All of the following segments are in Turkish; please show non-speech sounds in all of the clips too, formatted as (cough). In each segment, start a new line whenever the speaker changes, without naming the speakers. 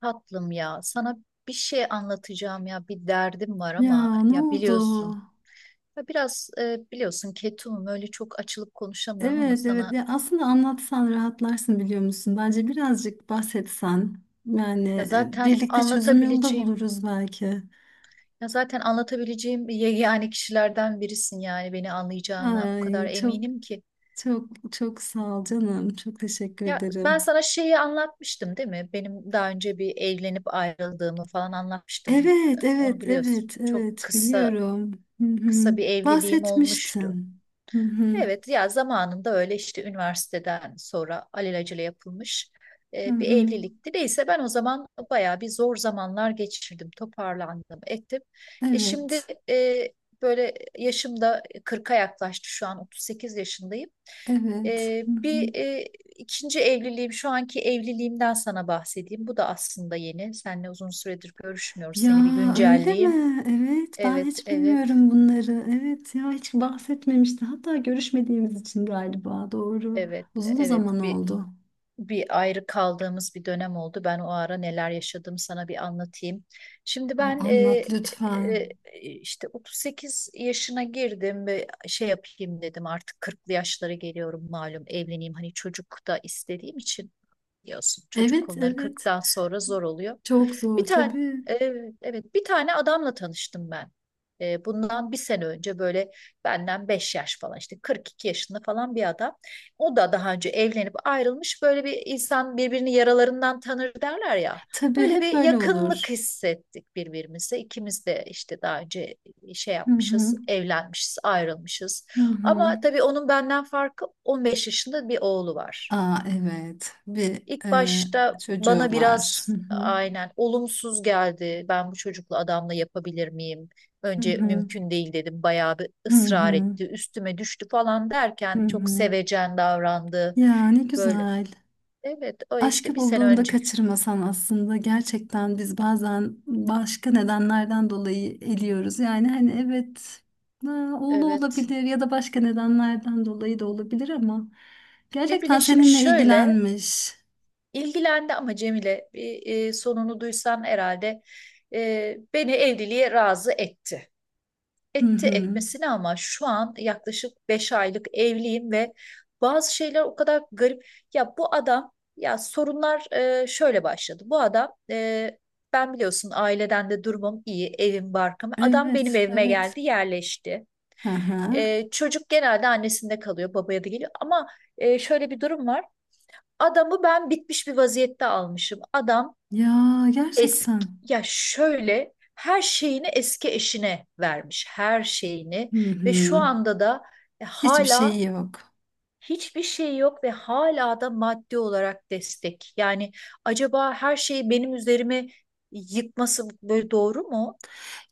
Tatlım ya, sana bir şey anlatacağım ya, bir derdim var ama
Ya ne
ya
oldu?
biliyorsun, ya biraz biliyorsun ketumum öyle çok açılıp konuşamıyorum ama
Evet evet,
sana
ya aslında anlatsan rahatlarsın biliyor musun? Bence birazcık bahsetsen yani
ya zaten
birlikte çözüm yolu da
anlatabileceğim,
buluruz belki.
ya zaten anlatabileceğim yani kişilerden birisin yani beni anlayacağına o kadar
Ay çok
eminim ki.
çok çok sağ ol canım. Çok teşekkür
Ya ben
ederim.
sana şeyi anlatmıştım değil mi? Benim daha önce bir evlenip ayrıldığımı falan anlatmıştım.
Evet
Onu
evet
biliyorsun.
evet
Çok
evet,
kısa
biliyorum. Hı hı.
kısa bir evliliğim olmuştu.
Bahsetmiştin. Hı hı.
Evet, ya zamanında öyle işte üniversiteden sonra alelacele yapılmış
Hı
bir
hı.
evlilikti. Neyse ben o zaman bayağı bir zor zamanlar geçirdim, toparlandım, ettim. E şimdi
Evet
e, böyle yaşımda 40'a yaklaştı, şu an 38 yaşındayım.
evet.
E,
Hı
bir
hı.
e, ikinci evliliğim, şu anki evliliğimden sana bahsedeyim. Bu da aslında yeni. Seninle uzun süredir görüşmüyoruz.
Ya
Seni bir
öyle
güncelleyeyim.
mi? Evet, ben
Evet,
hiç
evet,
bilmiyorum bunları. Evet, ya hiç bahsetmemişti. Hatta görüşmediğimiz için galiba. Doğru.
evet,
Uzun
evet.
zaman
Bir
oldu.
bir ayrı kaldığımız bir dönem oldu. Ben o ara neler yaşadığımı sana bir anlatayım. Şimdi ben
Anlat lütfen.
e, işte 38 yaşına girdim ve şey yapayım dedim, artık 40'lı yaşlara geliyorum, malum evleneyim, hani çocuk da istediğim için. Biliyorsun çocuk
Evet,
konuları
evet.
40'tan sonra zor oluyor.
Çok zor
Bir tane
tabii.
e, evet, bir tane adamla tanıştım ben. Bundan bir sene önce, böyle benden 5 yaş falan, işte 42 yaşında falan bir adam. O da daha önce evlenip ayrılmış. Böyle bir insan birbirini yaralarından tanır derler ya.
Tabii
Öyle
hep
bir
öyle
yakınlık
olur.
hissettik birbirimize. İkimiz de işte daha önce şey
Hı hı.
yapmışız, evlenmişiz, ayrılmışız.
Hı hı.
Ama tabii onun benden farkı, 15 yaşında bir oğlu var.
Aa evet.
İlk başta
Çocuğu
bana
var. Hı
biraz
hı.
aynen olumsuz geldi. Ben bu çocukla, adamla yapabilir miyim?
Hı
Önce
hı.
mümkün değil dedim. Bayağı bir
Hı
ısrar
hı.
etti. Üstüme düştü falan
Hı
derken çok
hı.
sevecen davrandı.
Ya ne
Böyle,
güzel.
evet, o işte
Aşkı
bir sene
bulduğunda
önce.
kaçırmasan aslında, gerçekten biz bazen başka nedenlerden dolayı eliyoruz. Yani hani evet, ha, oğlu
Evet.
olabilir ya da başka nedenlerden dolayı da olabilir ama gerçekten
Cemile, şimdi
seninle
şöyle:
ilgilenmiş.
ilgilendi ama Cemile, bir, sonunu duysan herhalde beni evliliğe razı etti.
Hı
Etti,
hı.
etmesine, ama şu an yaklaşık 5 aylık evliyim ve bazı şeyler o kadar garip. Ya bu adam ya sorunlar şöyle başladı. Bu adam, ben biliyorsun, aileden de durumum iyi, evim barkım. Adam benim
Evet,
evime
evet.
geldi, yerleşti.
Hı hı.
Çocuk genelde annesinde kalıyor, babaya da geliyor. Ama şöyle bir durum var. Adamı ben bitmiş bir vaziyette almışım.
Ya
Eski,
gerçekten.
ya şöyle, her şeyini eski eşine vermiş, her şeyini,
Hı
ve şu
hı.
anda da
Hiçbir şey
hala
yok.
hiçbir şey yok ve hala da maddi olarak destek. Yani acaba her şeyi benim üzerime yıkması böyle doğru mu?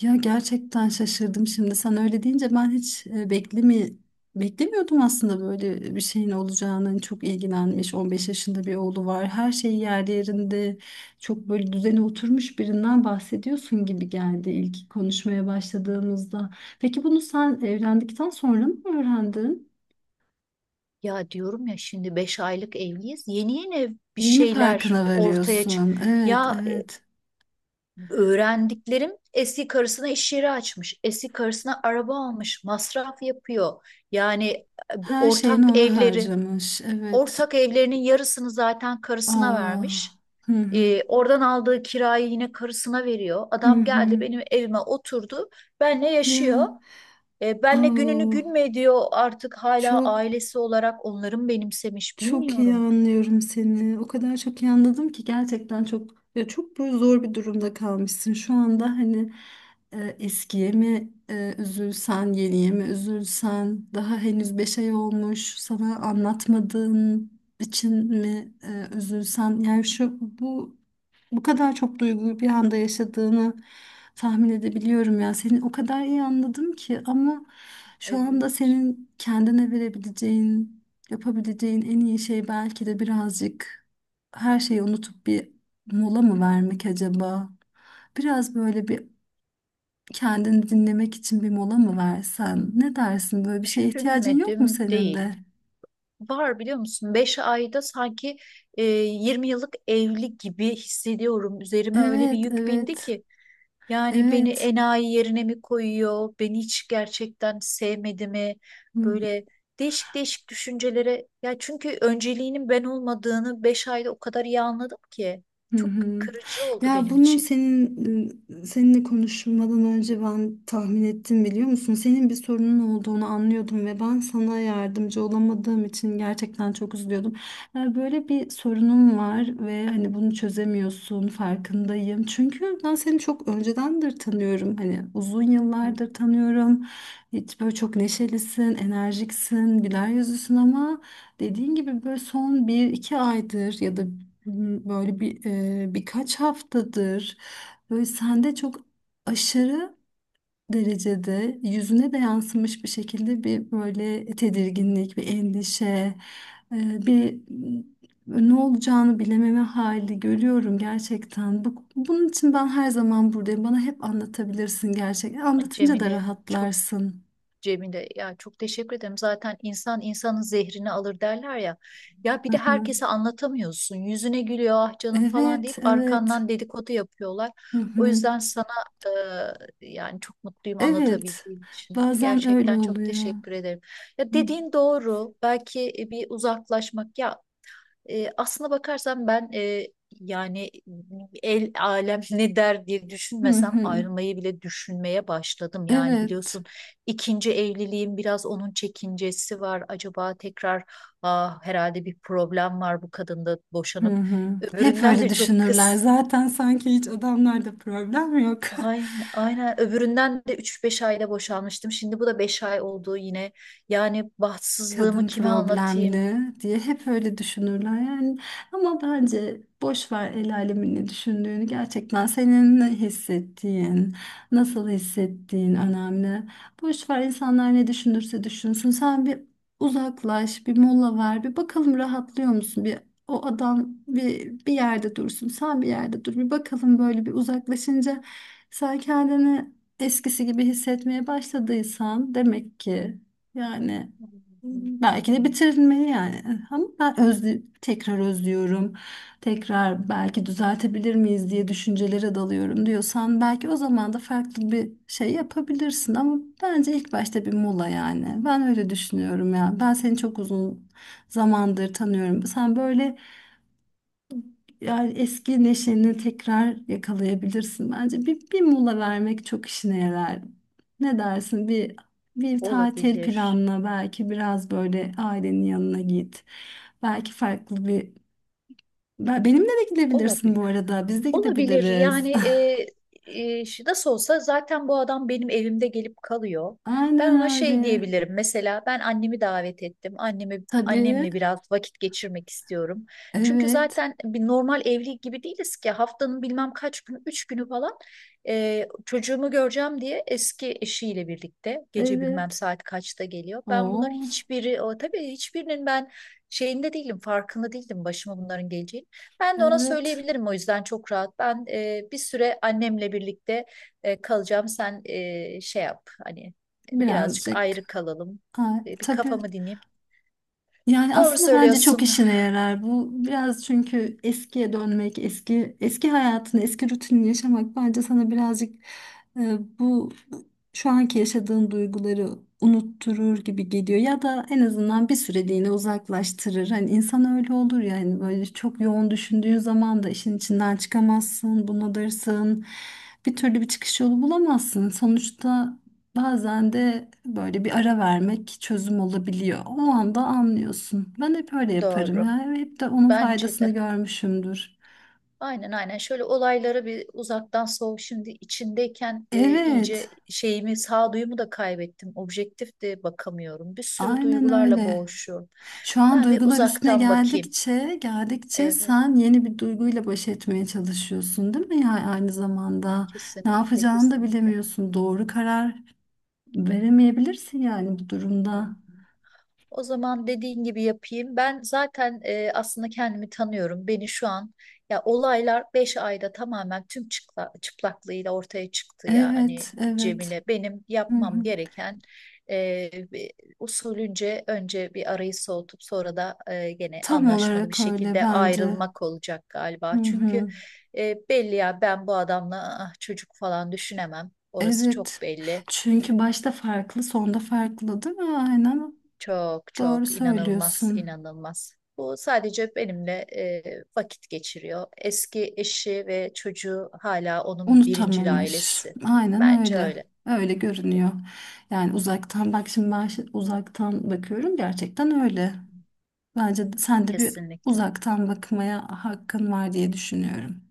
Ya gerçekten şaşırdım şimdi sen öyle deyince. Ben hiç beklemiyordum aslında böyle bir şeyin olacağını. Hani çok ilgilenmiş, 15 yaşında bir oğlu var, her şey yerli yerinde, çok böyle düzene oturmuş birinden bahsediyorsun gibi geldi ilk konuşmaya başladığımızda. Peki bunu sen evlendikten sonra mı öğrendin?
Ya diyorum ya, şimdi 5 aylık evliyiz. Yeni yeni bir
Yeni
şeyler
farkına
ortaya çık.
varıyorsun. Evet,
Ya,
evet.
öğrendiklerim: eski karısına iş yeri açmış, eski karısına araba almış, masraf yapıyor. Yani e,
Her
ortak
şeyini ona
evleri,
harcamış. Evet.
ortak evlerinin yarısını zaten karısına
Aa.
vermiş.
Hı hı.
Oradan aldığı kirayı yine karısına veriyor.
Hı
Adam geldi
hı.
benim evime oturdu, benle
Ya.
yaşıyor. Benle gününü
Aa,
gün mü ediyor, artık hala
çok
ailesi olarak onların benimsemiş,
çok iyi
bilmiyorum.
anlıyorum seni. O kadar çok iyi anladım ki, gerçekten çok, ya çok böyle zor bir durumda kalmışsın. Şu anda hani eskiye mi üzülsen, yeniye mi üzülsen, daha henüz beş ay olmuş, sana anlatmadığın için mi üzülsen. Yani şu bu, bu kadar çok duyguyu bir anda yaşadığını tahmin edebiliyorum ya. Seni o kadar iyi anladım ki ama şu
E,
anda senin kendine verebileceğin, yapabileceğin en iyi şey belki de birazcık her şeyi unutup bir mola mı vermek acaba? Biraz böyle bir, kendini dinlemek için bir mola mı versen? Ne dersin? Böyle bir şeye ihtiyacın yok mu
Düşünmedim
senin
değil.
de?
Var, biliyor musun? 5 ayda sanki 20 yıllık evli gibi hissediyorum. Üzerime öyle bir
Evet,
yük bindi
evet,
ki. Yani beni
evet.
enayi yerine mi koyuyor? Beni hiç gerçekten sevmedi mi? Böyle değişik değişik düşüncelere. Ya çünkü önceliğinin ben olmadığını 5 ayda o kadar iyi anladım ki.
Hı
Çok
hı.
kırıcı oldu
Ya
benim
bunun,
için.
seninle konuşmadan önce ben tahmin ettim biliyor musun? Senin bir sorunun olduğunu anlıyordum ve ben sana yardımcı olamadığım için gerçekten çok üzülüyordum. Ya böyle bir sorunum var ve hani bunu çözemiyorsun, farkındayım. Çünkü ben seni çok öncedendir tanıyorum. Hani uzun
Hı.
yıllardır tanıyorum. Hiç, böyle çok neşelisin, enerjiksin, güler yüzlüsün ama dediğin gibi böyle son bir iki aydır ya da böyle birkaç haftadır böyle sende çok aşırı derecede, yüzüne de yansımış bir şekilde bir böyle tedirginlik, bir endişe, e, bir m, ne olacağını bilememe hali görüyorum gerçekten. Bunun için ben her zaman buradayım. Bana hep anlatabilirsin gerçekten. Anlatınca da
Cemile çok
rahatlarsın.
Cemile, ya çok teşekkür ederim. Zaten insan insanın zehrini alır derler ya. Ya bir de
Hı hı.
herkese anlatamıyorsun. Yüzüne gülüyor, ah canım falan deyip
Evet, evet.
arkandan dedikodu yapıyorlar.
Hı
O
hı.
yüzden sana, yani çok mutluyum
Evet.
anlatabildiğim için.
Bazen öyle
Gerçekten çok
oluyor.
teşekkür ederim. Ya dediğin doğru. Belki bir uzaklaşmak, ya aslına bakarsan ben, yani el alem (laughs) ne der diye
Hı
düşünmesem
hı. Hı.
ayrılmayı bile düşünmeye başladım. Yani
Evet.
biliyorsun ikinci evliliğim, biraz onun çekincesi var. Acaba tekrar, herhalde bir problem var bu kadında,
Hı
boşanıp
hı. Hep
öbüründen
öyle
de, çok
düşünürler.
kız.
Zaten sanki hiç adamlarda problem yok. (laughs)
Aynen, aynen. Öbüründen de üç beş ayda boşanmıştım. Şimdi bu da 5 ay oldu yine. Yani bahtsızlığımı
Kadın
kime anlatayım?
problemli diye hep öyle düşünürler yani, ama bence boş ver el alemin ne düşündüğünü. Gerçekten senin ne hissettiğin, nasıl hissettiğin önemli. Boş ver, insanlar ne düşünürse düşünsün. Sen bir uzaklaş, bir mola ver, bir bakalım rahatlıyor musun. O adam bir yerde dursun, sen bir yerde dur, bir bakalım. Böyle bir uzaklaşınca sen kendini eskisi gibi hissetmeye başladıysan, demek ki yani
Hı
belki de
hı.
bitirilmeli yani. Ama ben tekrar özlüyorum. Tekrar belki düzeltebilir miyiz diye düşüncelere dalıyorum diyorsan, belki o zaman da farklı bir şey yapabilirsin, ama bence ilk başta bir mola yani. Ben öyle düşünüyorum ya. Ben seni çok uzun zamandır tanıyorum. Sen böyle, yani eski neşeni tekrar yakalayabilirsin bence. Bir mola vermek çok işine yarar. Ne dersin? Bir tatil
Olabilir.
planla, belki biraz böyle ailenin yanına git. Belki farklı bir, benimle de gidebilirsin bu
Olabilir.
arada. Biz de
Olabilir
gidebiliriz.
yani, nasıl olsa zaten bu adam benim evimde gelip kalıyor.
(laughs)
Ben ona
Aynen
şey
öyle.
diyebilirim, mesela ben annemi davet ettim, Annemi
Tabii.
annemle biraz vakit geçirmek istiyorum. Çünkü
Evet.
zaten bir normal evli gibi değiliz ki, haftanın bilmem kaç günü, üç günü falan, çocuğumu göreceğim diye eski eşiyle birlikte gece bilmem
Evet.
saat kaçta geliyor. Ben bunların
Oo,
hiçbiri, o tabii hiçbirinin ben şeyinde değilim, farkında değildim başıma bunların geleceğini. Ben de ona
evet.
söyleyebilirim, o yüzden çok rahat. Ben bir süre annemle birlikte kalacağım. Sen şey yap hani, birazcık ayrı
Birazcık.
kalalım.
Ha,
Bir
tabii.
kafamı dinleyeyim.
Yani
Doğru
aslında bence çok
söylüyorsun.
işine yarar bu. Biraz, çünkü eskiye dönmek, eski eski hayatını, eski rutinini yaşamak bence sana birazcık bu şu anki yaşadığın duyguları unutturur gibi geliyor ya da en azından bir süreliğine uzaklaştırır. Hani insan öyle olur yani, böyle çok yoğun düşündüğün zaman da işin içinden çıkamazsın, bunalırsın. Bir türlü bir çıkış yolu bulamazsın. Sonuçta bazen de böyle bir ara vermek çözüm olabiliyor. O anda anlıyorsun. Ben hep öyle yaparım
Doğru.
ya. Hep de onun
Bence
faydasını
de.
görmüşümdür.
Aynen, aynen, şöyle olaylara bir uzaktan şimdi içindeyken
Evet,
iyice sağduyumu da kaybettim, objektif de bakamıyorum, bir sürü
aynen
duygularla
öyle.
boğuşuyorum,
Şu an
ben bir
duygular üstüne
uzaktan bakayım.
geldikçe
Evet,
sen yeni bir duyguyla baş etmeye çalışıyorsun, değil mi? Yani aynı zamanda ne
kesinlikle,
yapacağını da
kesinlikle.
bilemiyorsun. Doğru karar veremeyebilirsin yani bu durumda.
O zaman dediğin gibi yapayım. Ben zaten, aslında kendimi tanıyorum. Beni şu an, ya olaylar 5 ayda tamamen tüm çıplaklığıyla ortaya çıktı yani
Evet, evet.
Cemile. Benim
Hı hı.
yapmam gereken, e, bir- usulünce önce bir arayı soğutup, sonra da gene
Tam
anlaşmalı bir
olarak öyle
şekilde
bence.
ayrılmak olacak
Hı
galiba. Çünkü
hı.
belli ya, ben bu adamla, çocuk falan düşünemem. Orası çok
Evet.
belli.
Çünkü başta farklı, sonda farklı, değil mi? Aynen.
Çok
Doğru
çok inanılmaz,
söylüyorsun.
inanılmaz. Bu sadece benimle vakit geçiriyor. Eski eşi ve çocuğu hala onun birincil
Unutamamış.
ailesi.
Aynen
Bence
öyle.
öyle.
Öyle görünüyor. Yani uzaktan bak, şimdi ben uzaktan bakıyorum, gerçekten öyle. Bence sen de bir
Kesinlikle.
uzaktan bakmaya hakkın var diye düşünüyorum.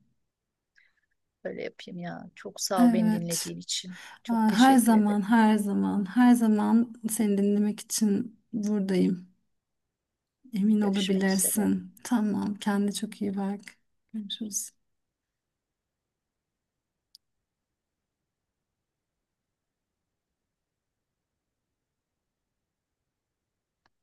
Öyle yapayım ya. Çok sağ ol beni
Evet.
dinlediğin için. Çok
Aa, her
teşekkür
zaman,
ederim.
her zaman, her zaman seni dinlemek için buradayım. Emin
Görüşmek üzere.
olabilirsin. Tamam, kendine çok iyi bak. Görüşürüz.